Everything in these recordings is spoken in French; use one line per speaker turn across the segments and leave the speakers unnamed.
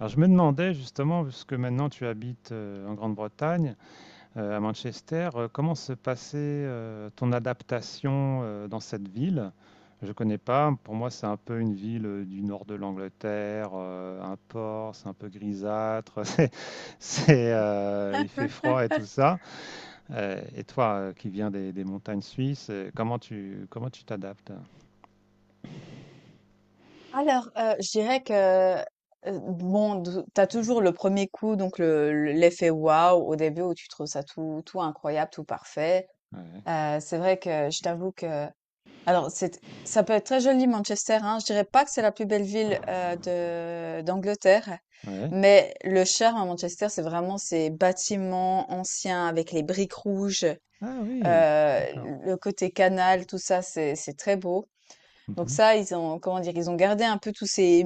Alors je me demandais justement, puisque maintenant tu habites en Grande-Bretagne, à Manchester, comment se passait ton adaptation dans cette ville? Je ne connais pas, pour moi c'est un peu une ville du nord de l'Angleterre, un port, c'est un peu grisâtre, il fait froid et tout ça. Et toi qui viens des montagnes suisses, comment tu t'adaptes?
Alors, je dirais que bon, t'as toujours le premier coup, donc l'effet waouh au début où tu trouves ça tout, tout incroyable, tout parfait.
Ouais.
C'est vrai que je t'avoue que, ça peut être très joli Manchester, hein. Je dirais pas que c'est la plus belle ville de d'Angleterre,
Ouais.
mais le charme à Manchester, c'est vraiment ces bâtiments anciens avec les briques rouges,
Ah oui,
euh,
d'accord.
le côté canal, tout ça, c'est très beau. Donc
Mhm.
ça, ils ont, comment dire, ils ont gardé un peu tous ces,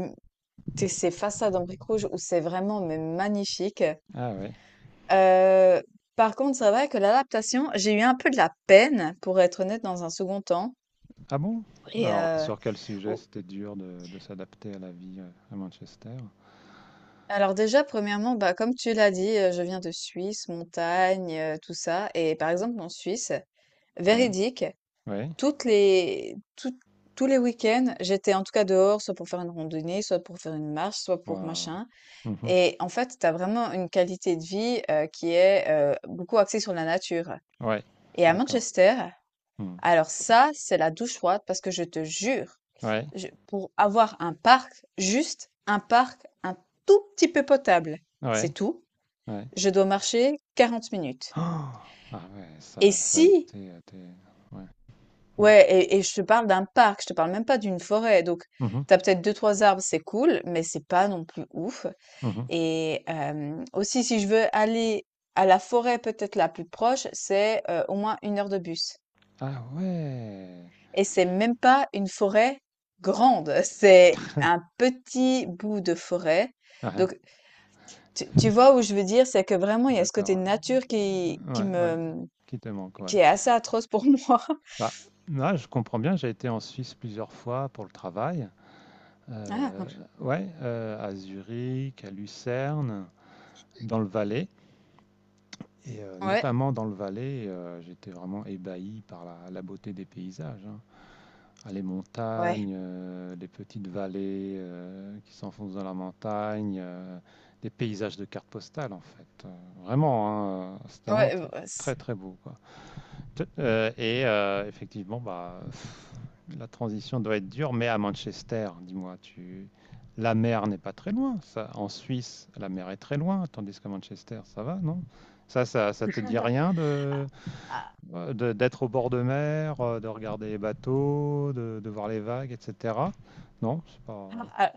tous ces façades en briques rouges où c'est vraiment mais magnifique.
Ah ouais.
Euh, Par contre, c'est vrai que l'adaptation, j'ai eu un peu de la peine, pour être honnête, dans un second temps.
Ah bon?
Et
Alors, sur quel sujet
au-
c'était dur de s'adapter à la vie à Manchester?
alors déjà, premièrement, bah, comme tu l'as dit, je viens de Suisse, montagne, tout ça. Et par exemple, en Suisse,
Ouais,
véridique,
ouais,
toutes les, tout- tous les week-ends, j'étais en tout cas dehors, soit pour faire une randonnée, soit pour faire une marche, soit pour
waouh.
machin.
Mhm.
Et en fait, tu as vraiment une qualité de vie, qui est, beaucoup axée sur la nature.
Ouais,
Et à
d'accord.
Manchester,
Hmm.
alors ça, c'est la douche froide parce que je te jure,
Ouais,
je pour avoir un parc, juste un parc un tout petit peu potable,
ouais,
c'est tout,
ouais.
je dois marcher 40 minutes.
Oh, ah ouais,
Et
ça a
si
été. Ouais. Hmm.
Ouais, et je te parle d'un parc, je te parle même pas d'une forêt, donc
Mhm,
t'as peut-être deux trois arbres, c'est cool, mais c'est pas non plus ouf.
mhm.
Et aussi, si je veux aller à la forêt peut-être la plus proche, c'est, au moins une heure de bus
Ah ouais.
et c'est même pas une forêt grande, c'est un petit bout de forêt.
Ah, hein.
Donc tu vois où je veux dire? C'est que vraiment il y a ce côté
D'accord.
nature
Ouais, ouais. Qui te manque, ouais.
qui est assez atroce pour moi.
Bah, là, je comprends bien, j'ai été en Suisse plusieurs fois pour le travail.
Ah!
euh, ouais, à Zurich, à Lucerne, dans le Valais. Et
Ouais.
notamment dans le Valais, j'étais vraiment ébahi par la beauté des paysages, hein. Ah, les
Ouais,
montagnes, les petites vallées qui s'enfoncent dans la montagne, des paysages de cartes postales en fait. Vraiment, hein, c'est vraiment
ouais, c
très très beau, quoi. Et effectivement, bah, la transition doit être dure, mais à Manchester, dis-moi, tu... la mer n'est pas très loin. Ça, en Suisse, la mer est très loin, tandis qu'à Manchester, ça va, non, ça te dit rien
ah,
d'être au bord de mer, de regarder les bateaux, de voir les vagues, etc. Non, c'est pas,
ah, ah.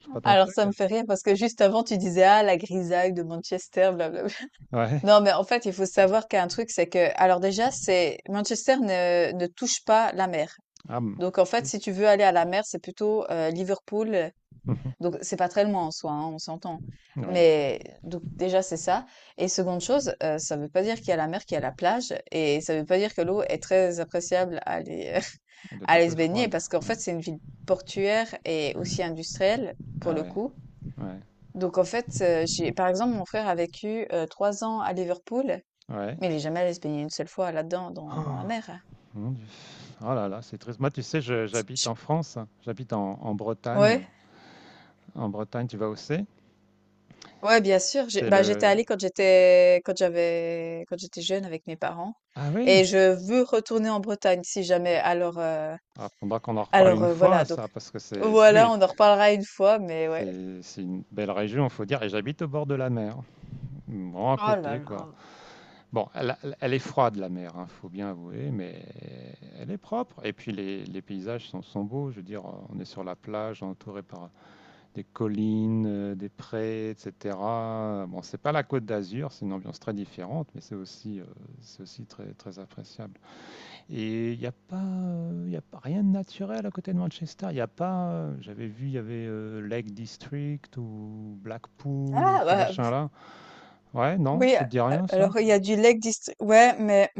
c'est pas ton
Alors
truc.
ça me fait rire parce que juste avant tu disais: «Ah, la grisaille de Manchester, blablabla.»
Ouais.
Non, mais en fait, il faut savoir qu'un truc, c'est que, alors déjà, c'est Manchester ne touche pas la mer.
Ah, bon.
Donc, en fait, si
Flûte.
tu veux aller à la mer, c'est plutôt Liverpool.
Mhm.
Donc, c'est pas très loin en soi, hein, on s'entend.
Oui.
Mais donc déjà, c'est ça. Et seconde chose, ça veut pas dire qu'il y a la mer, qu'il y a la plage, et ça veut pas dire que l'eau est très appréciable à aller,
Elle doit
à
être un
aller se
peu
baigner,
froide.
parce qu'en
Ouais.
fait, c'est une ville portuaire et aussi industrielle pour
Ah
le
ouais.
coup.
Ouais.
Donc en fait, par exemple, mon frère a vécu trois ans à Liverpool.
Ouais.
Mais il est jamais allé se baigner une seule fois là-dedans, dans
Oh,
la mer, hein.
mon Dieu. Oh là là, c'est triste. Moi, tu sais, j'habite
Je-
en France, j'habite en Bretagne.
Ouais,
En Bretagne, tu vas où c'est?
ouais, bien sûr.
C'est
Bah, j'étais
le...
allée quand j'étais jeune avec mes parents.
Ah oui!
Et je veux retourner en Bretagne si jamais. Alors, euh,
Ah, faudra qu'on en reparle
alors
une
euh, voilà.
fois,
Donc
ça, parce que
voilà,
oui,
on en reparlera une fois, mais ouais.
c'est une belle région, faut dire, et j'habite au bord de la mer. Bon, à
Oh là
côté, quoi.
là.
Bon, elle est froide, la mer, hein, faut bien avouer, mais elle est propre. Et puis, les paysages sont beaux, je veux dire, on est sur la plage, entouré par des collines, des prés, etc. Bon, c'est pas la Côte d'Azur, c'est une ambiance très différente, mais c'est aussi très, très appréciable. Et il n'y a pas, il y a pas rien de naturel à côté de Manchester. Il y a pas, J'avais vu, il y avait Lake District ou Blackpool,
Ah
ces
bah
machins-là. Ouais, non,
oui.
ça te dit rien, ça?
Alors il y a du Lake District. Ouais, mais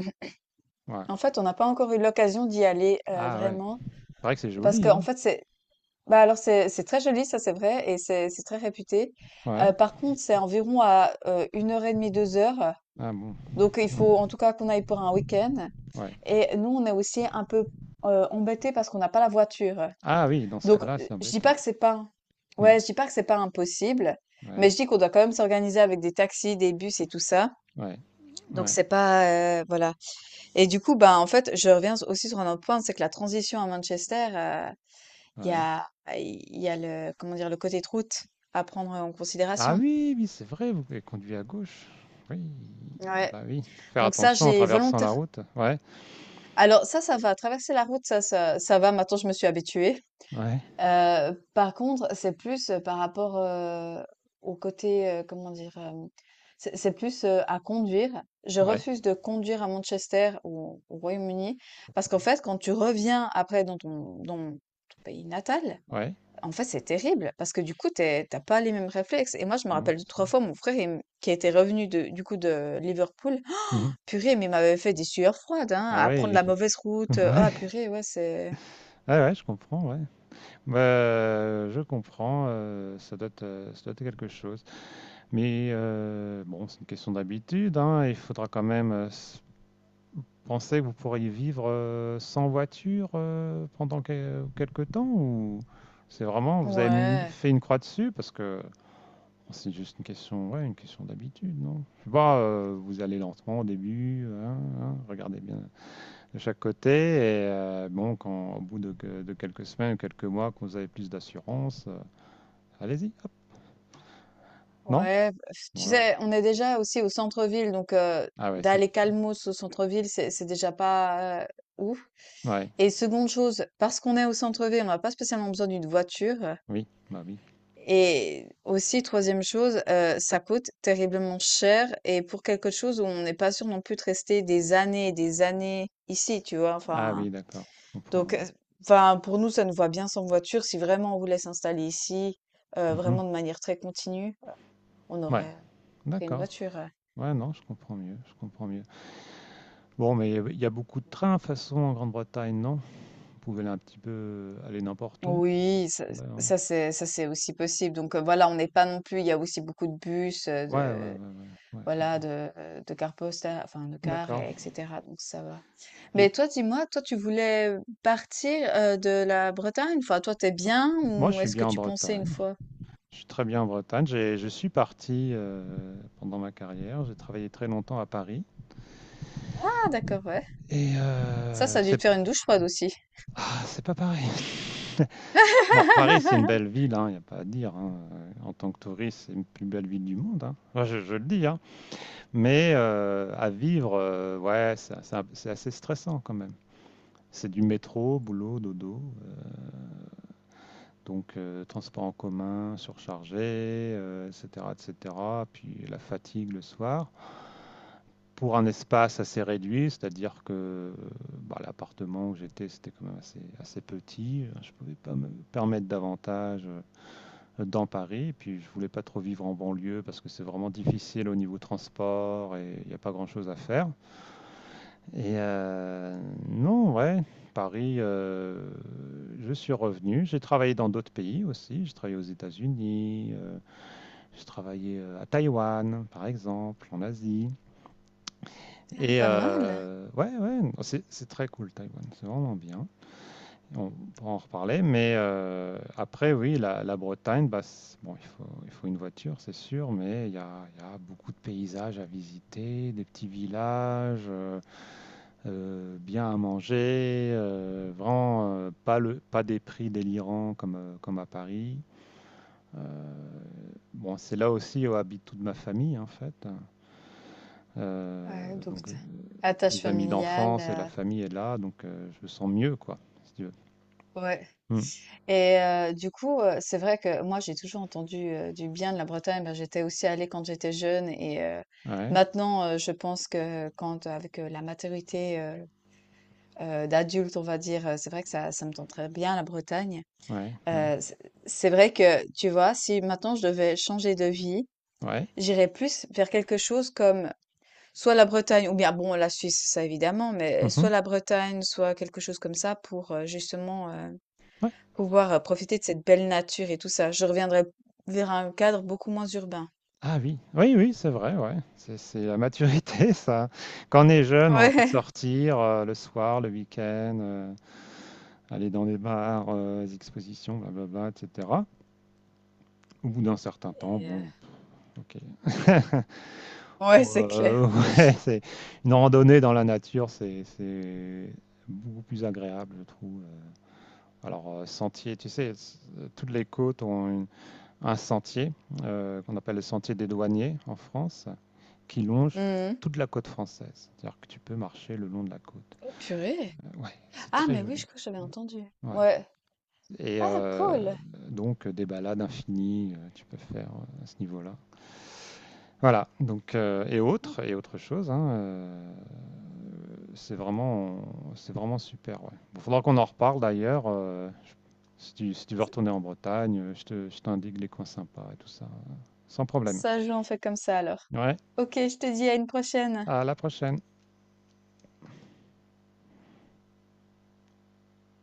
Ouais.
en fait, on n'a pas encore eu l'occasion d'y aller
Ah ouais.
vraiment,
Il paraît que c'est
parce
joli,
que en
hein?
fait, c'est bah alors c'est très joli, ça c'est vrai et c'est très réputé.
Ouais.
Par contre, c'est environ à, une heure et demie deux heures,
Ah bon.
donc il faut en
Hmm.
tout cas qu'on aille pour un week-end,
Ouais.
et nous on est aussi un peu, embêtés parce qu'on n'a pas la voiture.
Ah oui, dans ce
Donc,
cas-là, c'est
je dis pas
embêtant.
que c'est pas,
Hmm.
ouais, je dis pas que c'est pas impossible,
Ouais.
mais je dis qu'on doit quand même s'organiser avec des taxis, des bus et tout ça.
Ouais.
Donc
Ouais.
c'est pas, voilà, et du coup, bah en fait, je reviens aussi sur un autre point, c'est que la transition à Manchester, il y
Ouais.
a le comment dire? Le côté de route à prendre en
Ah
considération.
oui, oui, c'est vrai, vous avez conduit à gauche. Oui,
Ouais,
bah oui. Faire
donc ça,
attention en
j'ai
traversant la
volontaire
route. Ouais,
alors ça va, traverser la route, ça va, maintenant je me suis habituée.
ouais,
Par contre, c'est plus, par rapport, au côté, comment dire? C'est plus, à conduire. Je
ouais,
refuse de conduire à Manchester ou au Royaume-Uni parce qu'en fait, quand tu reviens après dans ton pays natal,
ouais.
en fait, c'est terrible parce que du coup, tu es pas les mêmes réflexes, et moi, je me
Non,
rappelle deux
c'est sûr.
trois fois, mon frère, il m qui était revenu de du coup de Liverpool, ah,
Mhm.
purée, mais il m'avait fait des sueurs froides, hein,
Ah
à prendre
ouais,
la mauvaise route, oh, ah
ouais,
purée, ouais, c'est
ouais, ouais, je comprends, ouais. Bah, je comprends, ça doit être quelque chose. Mais bon, c'est une question d'habitude, hein, il faudra quand même penser que vous pourriez vivre sans voiture pendant quelque temps ou c'est vraiment, vous avez mis,
ouais,
fait une croix dessus parce que C'est juste une question, ouais, une question d'habitude, non? Je sais pas, vous allez lentement au début, hein, hein, regardez bien de chaque côté, et bon, quand au bout de quelques semaines, quelques mois, que vous avez plus d'assurance, allez-y, hop, non?
ouais, tu
Ouais.
sais, on est déjà aussi au centre-ville, donc
Ah ouais, c'est
d'aller
dit.
calmos au centre-ville, c'est déjà pas ouf,
Ouais,
et seconde chose, parce qu'on est au centre-ville, on n'a pas spécialement besoin d'une voiture.
oui, bah oui.
Et aussi, troisième chose, ça coûte terriblement cher et pour quelque chose où on n'est pas sûr non plus de rester des années et des années ici, tu vois?
Ah
Enfin,
oui, d'accord, je
donc,
comprends. Ouais,
enfin, pour nous, ça nous va bien sans voiture. Si vraiment on voulait s'installer ici,
mhm.
vraiment de manière très continue, on
Ouais,
aurait pris une
d'accord.
voiture, ouais.
Ouais, non, je comprends mieux, je comprends mieux. Bon, mais il y a beaucoup de trains, de toute façon, en Grande-Bretagne, non? Vous pouvez aller un petit peu, aller n'importe où.
Oui, ça
Ouais, hein.
ça c'est ça c'est aussi possible, donc, voilà, on n'est pas non plus, il y a aussi beaucoup de bus,
Ouais, ouais, ouais,
de
ouais, ouais, c'est
voilà,
bien.
de cars posta enfin de car
D'accord.
et etc, donc ça va.
Et
Mais toi, dis-moi, toi, tu voulais partir, de la Bretagne? Une fois, toi, t'es bien,
moi, je
ou
suis
est-ce que
bien en
tu pensais une
Bretagne.
fois?
Je suis très bien en Bretagne. J'ai Je suis parti, pendant ma carrière, j'ai travaillé très longtemps à Paris
Ah d'accord, ouais.
et
Ça, ça a dû te faire une douche froide aussi.
c'est pas pareil. Bon, Paris, c'est une belle ville, hein, il y a pas à dire, hein, en tant que touriste, c'est une plus belle ville du monde, hein. Moi, je le dis, hein, mais à vivre, ouais, c'est assez stressant quand même. C'est du métro, boulot, dodo. Donc, transport en commun surchargé, etc., etc., puis la fatigue le soir. Pour un espace assez réduit, c'est-à-dire que bah, l'appartement où j'étais, c'était quand même assez, assez petit. Je ne pouvais pas me permettre davantage dans Paris. Et puis, je ne voulais pas trop vivre en banlieue parce que c'est vraiment difficile au niveau transport et il n'y a pas grand-chose à faire. Et non, ouais, Paris, je suis revenu. J'ai travaillé dans d'autres pays aussi. J'ai travaillé aux États-Unis, j'ai travaillé à Taïwan, par exemple, en Asie. Et
Pas mal.
ouais, ouais, c'est très cool, Taïwan, c'est vraiment bien. On pourra en reparler, mais après, oui, la Bretagne, bah, bon, il faut une voiture, c'est sûr, mais il y a beaucoup de paysages à visiter, des petits villages. Bien à manger, vraiment pas des prix délirants comme, comme à Paris. Euh, bon, c'est là aussi où habite toute ma famille en fait. Euh,
Ouais, donc
donc,
tu attache
les amis
familiale,
d'enfance et la famille est là, donc je me sens mieux, quoi, si tu veux.
ouais,
Hmm.
et du coup, c'est vrai que moi, j'ai toujours entendu, du bien de la Bretagne. Ben, j'étais aussi allée quand j'étais jeune, et
Ouais,
maintenant, je pense que quand avec, la maturité, d'adulte, on va dire, c'est vrai que ça me tenterait bien, la Bretagne.
ouais, ouais,
Heu, c'est c'est vrai que, tu vois, si maintenant je devais changer de vie,
ouais.
j'irais plus vers quelque chose comme soit la Bretagne, ou bien bon la Suisse, ça évidemment, mais
Mhm.
soit la Bretagne, soit quelque chose comme ça pour, justement,
Ouais.
pouvoir, profiter de cette belle nature et tout ça. Je reviendrais vers un cadre beaucoup moins urbain.
Ah oui, oui, oui, c'est vrai, ouais. C'est la maturité, ça. Quand on est jeune, on a envie de
Ouais.
sortir le soir, le week-end, aller dans des bars, les expositions, blablabla, etc. Au bout d'un certain temps,
Et
bon, ok.
ouais, c'est clair.
Euh, ouais, c'est une randonnée dans la nature, c'est beaucoup plus agréable, je trouve. Alors, sentier, tu sais, toutes les côtes ont un sentier qu'on appelle le sentier des douaniers en France, qui longe
Mmh
toute la côte française. C'est-à-dire que tu peux marcher le long de la côte.
Purée.
Ouais, c'est
Ah
très
mais oui,
joli.
je crois que j'avais entendu.
Ouais.
Ouais.
Et
Ah cool.
donc des balades infinies, tu peux faire à ce niveau-là. Voilà, donc
Mmh.
et autre chose, hein, c'est vraiment c'est vraiment super. Ouais. Bon, faudra qu'on en reparle d'ailleurs. Si tu veux retourner en Bretagne, je t'indique les coins sympas et tout ça, sans problème.
Ça joue, on fait comme ça alors.
Ouais,
Ok, je te dis à une prochaine.
à la prochaine.